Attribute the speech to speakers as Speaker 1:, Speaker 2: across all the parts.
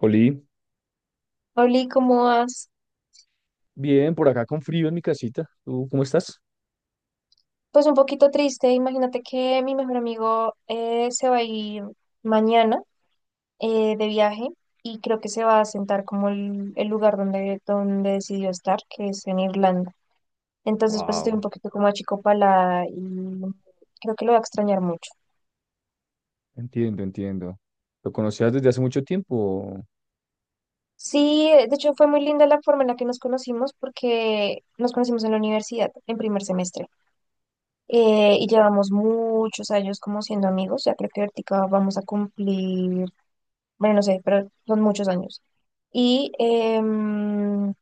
Speaker 1: Oli,
Speaker 2: Oli, ¿cómo vas?
Speaker 1: bien, por acá con frío en mi casita. ¿Tú cómo estás?
Speaker 2: Pues un poquito triste. Imagínate que mi mejor amigo se va a ir mañana de viaje y creo que se va a sentar como el lugar donde decidió estar, que es en Irlanda. Entonces, pues estoy un
Speaker 1: Wow,
Speaker 2: poquito como achicopalada y creo que lo va a extrañar mucho.
Speaker 1: entiendo, entiendo. ¿Lo conocías desde hace mucho tiempo?
Speaker 2: Sí, de hecho fue muy linda la forma en la que nos conocimos porque nos conocimos en la universidad en primer semestre, y llevamos muchos años como siendo amigos. Ya creo que ahorita vamos a cumplir. Bueno, no sé, pero son muchos años. Y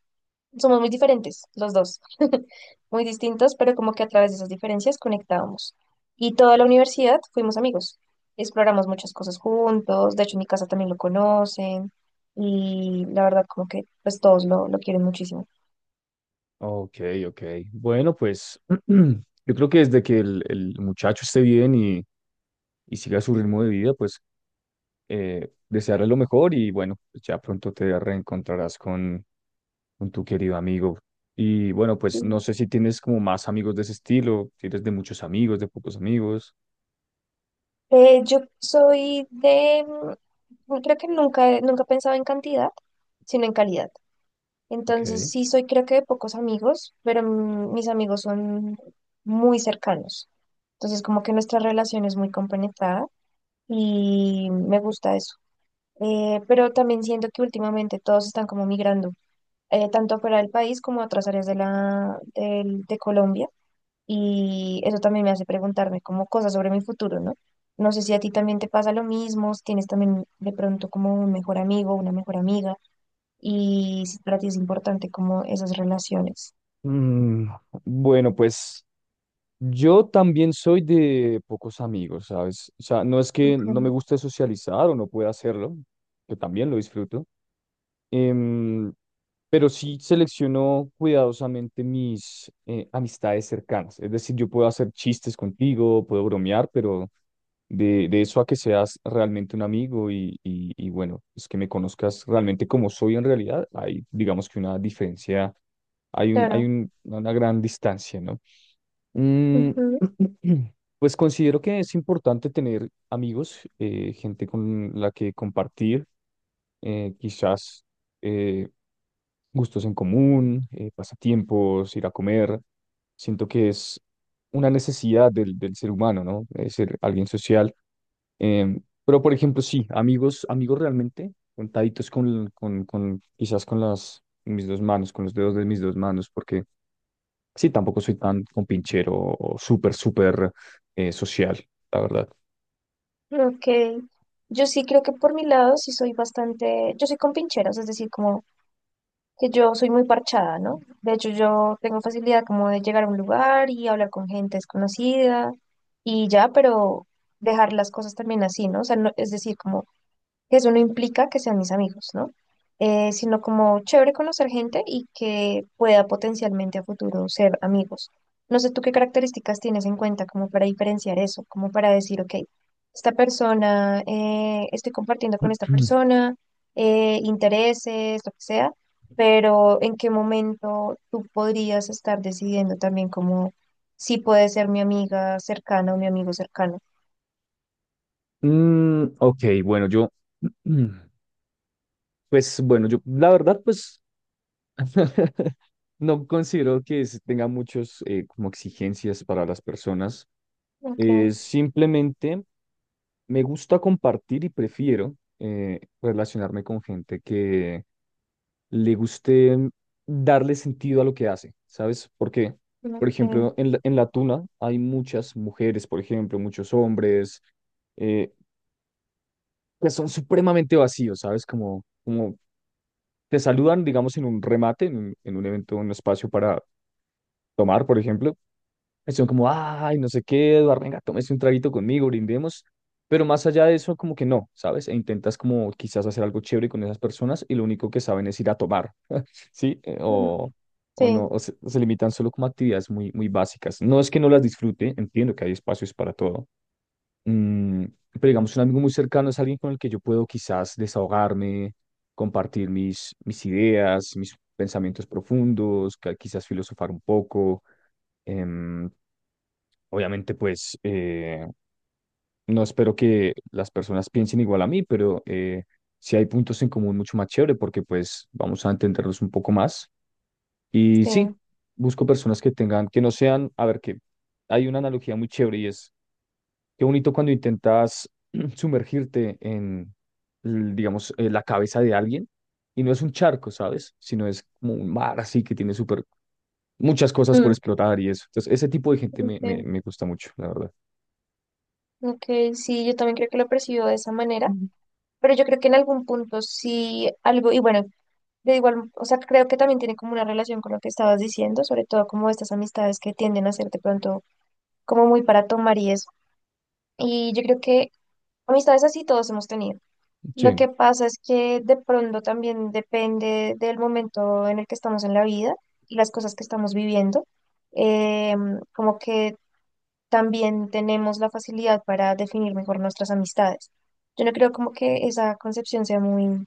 Speaker 2: somos muy diferentes, los dos, muy distintos, pero como que a través de esas diferencias conectábamos. Y toda la universidad fuimos amigos, exploramos muchas cosas juntos, de hecho en mi casa también lo conocen y la verdad como que pues todos lo quieren muchísimo.
Speaker 1: Ok, ok. Bueno, pues yo creo que desde que el muchacho esté bien y siga su ritmo de vida, pues desearle lo mejor. Y bueno, ya pronto te reencontrarás con tu querido amigo. Y bueno, pues
Speaker 2: Sí.
Speaker 1: no sé si tienes como más amigos de ese estilo, si eres de muchos amigos, de pocos amigos.
Speaker 2: Yo soy de, creo que nunca pensaba en cantidad, sino en calidad.
Speaker 1: Ok.
Speaker 2: Entonces, sí soy creo que de pocos amigos, pero mis amigos son muy cercanos. Entonces, como que nuestra relación es muy compenetrada y me gusta eso. Pero también siento que últimamente todos están como migrando, tanto fuera del país como a otras áreas de de Colombia. Y eso también me hace preguntarme como cosas sobre mi futuro, ¿no? No sé si a ti también te pasa lo mismo, si tienes también de pronto como un mejor amigo, una mejor amiga, y si para ti es importante como esas relaciones.
Speaker 1: Mm, bueno, pues yo también soy de pocos amigos, ¿sabes? O sea, no es que no me
Speaker 2: Ujú.
Speaker 1: guste socializar o no pueda hacerlo, que también lo disfruto. em, pero sí selecciono cuidadosamente mis amistades cercanas. Es decir, yo puedo hacer chistes contigo, puedo bromear, pero de eso a que seas realmente un amigo y bueno, es que me conozcas realmente como soy en realidad, hay digamos que una diferencia, hay un,
Speaker 2: Claro.
Speaker 1: una gran distancia, ¿no? Mm,
Speaker 2: Ujú.
Speaker 1: pues considero que es importante tener amigos, gente con la que compartir, quizás eh, gustos en común, pasatiempos, ir a comer. Siento que es una necesidad del ser humano, ¿no? Es ser alguien social. Pero, por ejemplo, sí, amigos, amigos realmente, contaditos con quizás con las, mis dos manos, con los dedos de mis dos manos, porque sí, tampoco soy tan compinchero o súper, súper social, la verdad.
Speaker 2: Ok. Yo sí creo que por mi lado sí soy bastante, yo soy con pincheras, es decir, como que yo soy muy parchada, ¿no? De hecho, yo tengo facilidad como de llegar a un lugar y hablar con gente desconocida y ya, pero dejar las cosas también así, ¿no? O sea, es decir, como que eso no implica que sean mis amigos, ¿no? Sino como chévere conocer gente y que pueda potencialmente a futuro ser amigos. No sé tú qué características tienes en cuenta como para diferenciar eso, como para decir, ok, esta persona, estoy compartiendo con esta persona, intereses, lo que sea, pero en qué momento tú podrías estar decidiendo también como si puede ser mi amiga cercana o mi amigo cercano.
Speaker 1: Ok, bueno, yo, mm, pues bueno, yo, la verdad, pues no considero que se tenga muchos como exigencias para las personas.
Speaker 2: Ok,
Speaker 1: Simplemente me gusta compartir y prefiero relacionarme con gente que le guste darle sentido a lo que hace, ¿sabes? Porque, por
Speaker 2: ok.
Speaker 1: ejemplo, en la tuna hay muchas mujeres, por ejemplo, muchos hombres eh, que son supremamente vacíos, ¿sabes? Como, como te saludan, digamos, en un remate, en un evento, un espacio para tomar, por ejemplo. Estuvieron como, ay, no sé qué, Eduardo, venga, tómese un traguito conmigo, brindemos. Pero más allá de eso, como que no, ¿sabes? E intentas como quizás hacer algo chévere con esas personas y lo único que saben es ir a tomar, ¿sí?
Speaker 2: Ujú.
Speaker 1: O no,
Speaker 2: Sí,
Speaker 1: o se limitan solo como a actividades muy, muy básicas. No es que no las disfrute, entiendo que hay espacios para todo. Mm, pero digamos, un amigo muy cercano es alguien con el que yo puedo quizás desahogarme, compartir mis, mis ideas, mis pensamientos profundos, quizás filosofar un poco. em, Obviamente, pues no espero que las personas piensen igual a mí, pero si hay puntos en común mucho más chévere porque pues vamos a entenderlos un poco más. Y
Speaker 2: sí.
Speaker 1: sí, busco personas que tengan, que no sean, a ver, que hay una analogía muy chévere y es qué bonito cuando intentas sumergirte en, digamos, la cabeza de alguien y no es un charco, ¿sabes? Sino es como un mar así que tiene súper muchas cosas por
Speaker 2: Mm,
Speaker 1: explotar y eso. Entonces, ese tipo de gente me, me,
Speaker 2: ok,
Speaker 1: me gusta mucho, la verdad.
Speaker 2: ok, sí, yo también creo que lo percibo de esa manera, pero yo creo que en algún punto sí algo, y bueno, de igual, o sea, creo que también tiene como una relación con lo que estabas diciendo, sobre todo como estas amistades que tienden a ser de pronto como muy para tomar y eso. Y yo creo que amistades así todos hemos tenido. Lo
Speaker 1: Sí.
Speaker 2: que pasa es que de pronto también depende del momento en el que estamos en la vida y las cosas que estamos viviendo. Como que también tenemos la facilidad para definir mejor nuestras amistades. Yo no creo como que esa concepción sea muy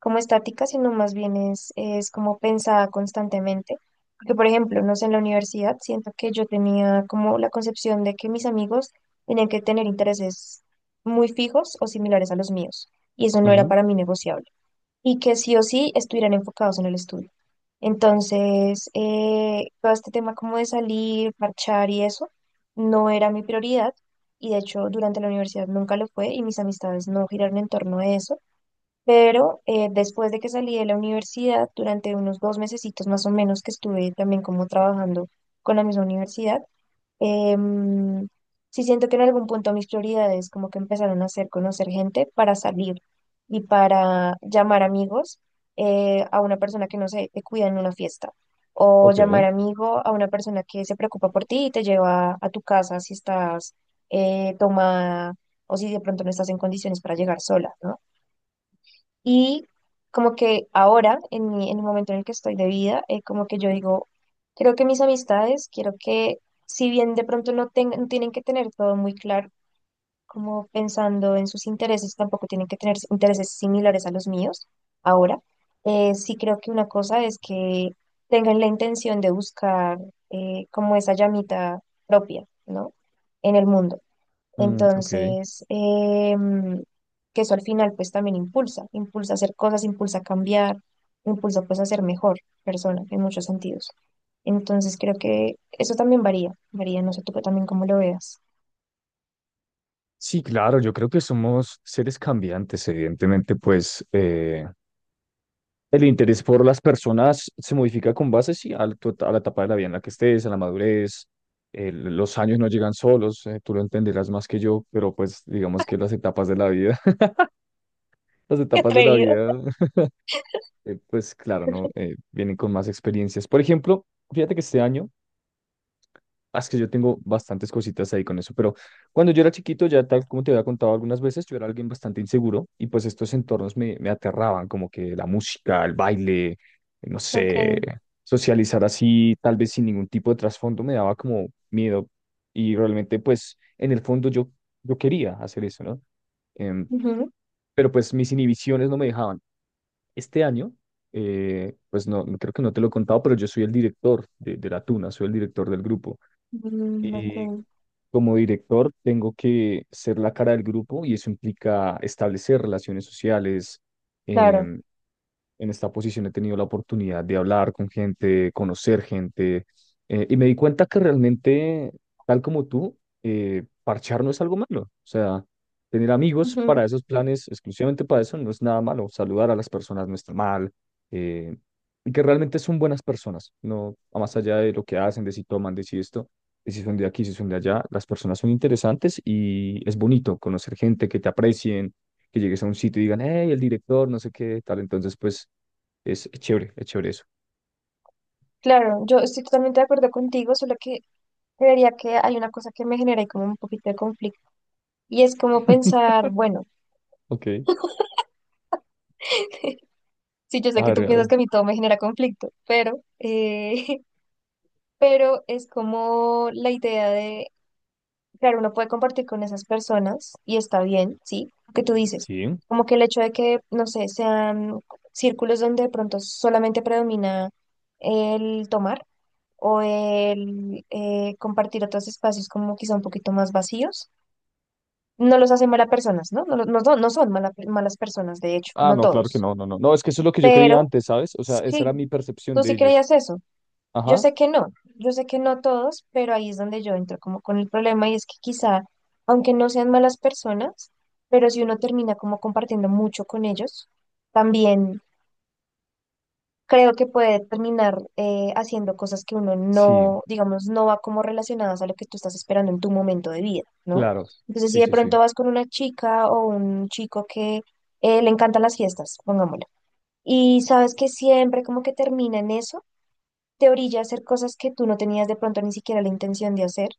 Speaker 2: como estática, sino más bien es como pensada constantemente. Porque, por ejemplo, no sé, en la universidad siento que yo tenía como la concepción de que mis amigos tenían que tener intereses muy fijos o similares a los míos, y eso no era
Speaker 1: Ujú.
Speaker 2: para mí negociable y que sí o sí estuvieran enfocados en el estudio. Entonces, todo este tema como de salir, marchar y eso, no era mi prioridad y de hecho durante la universidad nunca lo fue y mis amistades no giraron en torno a eso. Pero después de que salí de la universidad, durante unos dos mesecitos más o menos que estuve también como trabajando con la misma universidad, em, sí siento que en algún punto mis prioridades como que empezaron a hacer conocer gente para salir y para llamar amigos, a una persona que no sé, te cuida en una fiesta, o
Speaker 1: Ok,
Speaker 2: llamar amigo a una persona que se preocupa por ti y te lleva a tu casa si estás, eh, o si de pronto no estás en condiciones para llegar sola, ¿no? Y como que ahora, en en el momento en el que estoy de vida, como que yo digo, creo que mis amistades, quiero que, si bien de pronto no tienen que tener todo muy claro, como pensando en sus intereses, tampoco tienen que tener intereses similares a los míos ahora, sí creo que una cosa es que tengan la intención de buscar, como esa llamita propia, ¿no? En el mundo.
Speaker 1: ok.
Speaker 2: Entonces, que eso al final pues también impulsa a hacer cosas, impulsa a cambiar, impulsa pues a ser mejor persona en muchos sentidos. Entonces creo que eso también varía, no sé tú también cómo lo veas.
Speaker 1: Sí, claro, yo creo que somos seres cambiantes, evidentemente, pues el interés por las personas se modifica con base, sí, a la, a la etapa de la vida en la que estés, a la madurez, los años no llegan solos, tú lo entenderás más que yo, pero pues digamos que las etapas de la vida, las
Speaker 2: Qué
Speaker 1: etapas de la
Speaker 2: atrevido.
Speaker 1: vida, pues claro, ¿no? Vienen con más experiencias. Por ejemplo, fíjate que este año... Ah, es que yo tengo bastantes cositas ahí con eso, pero cuando yo era chiquito, ya tal como te había contado algunas veces, yo era alguien bastante inseguro y pues estos entornos me, me aterraban, como que la música, el baile, no sé,
Speaker 2: Ok.
Speaker 1: socializar así, tal vez sin ningún tipo de trasfondo, me daba como miedo y realmente pues en el fondo yo, yo quería hacer eso, ¿no? Em,
Speaker 2: Ujú.
Speaker 1: pero pues mis inhibiciones no me dejaban. Este año, pues no, creo que no te lo he contado, pero yo soy el director de la Tuna, soy el director del grupo.
Speaker 2: Mm, ok.
Speaker 1: Y como director, tengo que ser la cara del grupo y eso implica establecer relaciones sociales.
Speaker 2: Claro.
Speaker 1: em, en esta posición he tenido la oportunidad de hablar con gente, conocer gente, y me di cuenta que realmente, tal como tú, parchar no es algo malo. O sea, tener amigos
Speaker 2: Ujú.
Speaker 1: para esos planes, exclusivamente para eso, no es nada malo. Saludar a las personas no está mal, eh, y que realmente son buenas personas, no más allá de lo que hacen, de si toman, de si esto, de si son de aquí, si son de allá. Las personas son interesantes y es bonito conocer gente que te aprecien, que llegues a un sitio y digan, hey, el director, no sé qué, tal. Entonces, pues es chévere eso.
Speaker 2: Claro, yo estoy totalmente de acuerdo contigo, solo que creería que hay una cosa que me genera ahí como un poquito de conflicto y es como pensar, bueno.
Speaker 1: Ok,
Speaker 2: Sí, yo
Speaker 1: a
Speaker 2: sé que
Speaker 1: ver,
Speaker 2: tú
Speaker 1: a
Speaker 2: piensas
Speaker 1: ver.
Speaker 2: que a mí todo me genera conflicto, pero, pero es como la idea de, claro, uno puede compartir con esas personas y está bien, ¿sí? Lo que tú dices,
Speaker 1: Sí.
Speaker 2: como que el hecho de que, no sé, sean círculos donde de pronto solamente predomina el tomar o el compartir otros espacios como quizá un poquito más vacíos, no los hacen malas personas, ¿no? No, no son malas personas, de hecho,
Speaker 1: Ah,
Speaker 2: no
Speaker 1: no, claro que
Speaker 2: todos,
Speaker 1: no, no, no. No, es que eso es lo que yo creía
Speaker 2: pero
Speaker 1: antes, ¿sabes? O sea, esa era
Speaker 2: sí,
Speaker 1: mi percepción
Speaker 2: tú
Speaker 1: de
Speaker 2: sí
Speaker 1: ellos.
Speaker 2: creías eso. Yo
Speaker 1: Ajá.
Speaker 2: sé que no, yo sé que no todos, pero ahí es donde yo entro como con el problema y es que quizá, aunque no sean malas personas, pero si uno termina como compartiendo mucho con ellos, también creo que puede terminar haciendo cosas que uno
Speaker 1: Sí,
Speaker 2: no, digamos, no va como relacionadas a lo que tú estás esperando en tu momento de vida, ¿no?
Speaker 1: claro.
Speaker 2: Entonces,
Speaker 1: Sí,
Speaker 2: si de
Speaker 1: sí, sí.
Speaker 2: pronto vas con una chica o un chico que le encantan las fiestas, pongámoslo, y sabes que siempre como que termina en eso, te orilla a hacer cosas que tú no tenías de pronto ni siquiera la intención de hacer.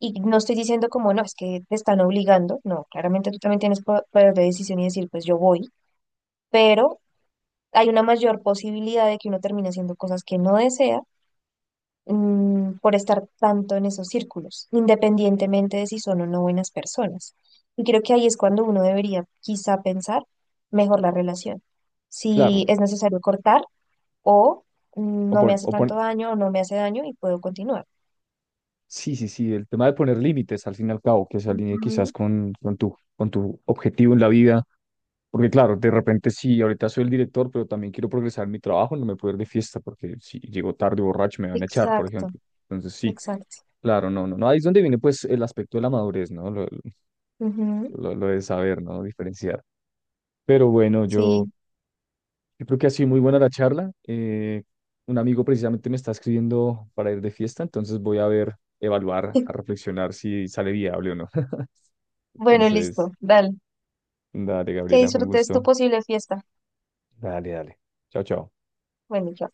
Speaker 2: Y no estoy diciendo como, no, es que te están obligando, no, claramente tú también tienes poder de decisión y decir, pues yo voy, pero hay una mayor posibilidad de que uno termine haciendo cosas que no desea, por estar tanto en esos círculos, independientemente de si son o no buenas personas. Y creo que ahí es cuando uno debería quizá pensar mejor la relación,
Speaker 1: Claro.
Speaker 2: si es necesario cortar o,
Speaker 1: O,
Speaker 2: no me hace tanto
Speaker 1: pon-
Speaker 2: daño o no me hace daño y puedo continuar.
Speaker 1: sí, sí, sí, el tema de poner límites al fin y al cabo, que se alinee quizás
Speaker 2: Ujú.
Speaker 1: con tu objetivo en la vida, porque claro, de repente sí, ahorita soy el director, pero también quiero progresar en mi trabajo, no me puedo ir de fiesta, porque si llego tarde borracho me van a echar, por
Speaker 2: Exacto,
Speaker 1: ejemplo. Entonces sí,
Speaker 2: exacto.
Speaker 1: claro, no, no, no, ahí es donde viene pues el aspecto de la madurez, ¿no?
Speaker 2: Ujú.
Speaker 1: Lo de saber, ¿no? Diferenciar. Pero bueno, yo...
Speaker 2: Sí.
Speaker 1: Yo creo que ha sido muy buena la charla. Un amigo precisamente me está escribiendo para ir de fiesta, entonces voy a ver, evaluar, a reflexionar si sale viable o no.
Speaker 2: Bueno,
Speaker 1: Entonces,
Speaker 2: listo, dale.
Speaker 1: dale,
Speaker 2: Que
Speaker 1: Gabriela, fue un
Speaker 2: disfrutes tu
Speaker 1: gusto.
Speaker 2: posible fiesta.
Speaker 1: Dale, dale. Chao, chao.
Speaker 2: Bueno, ya.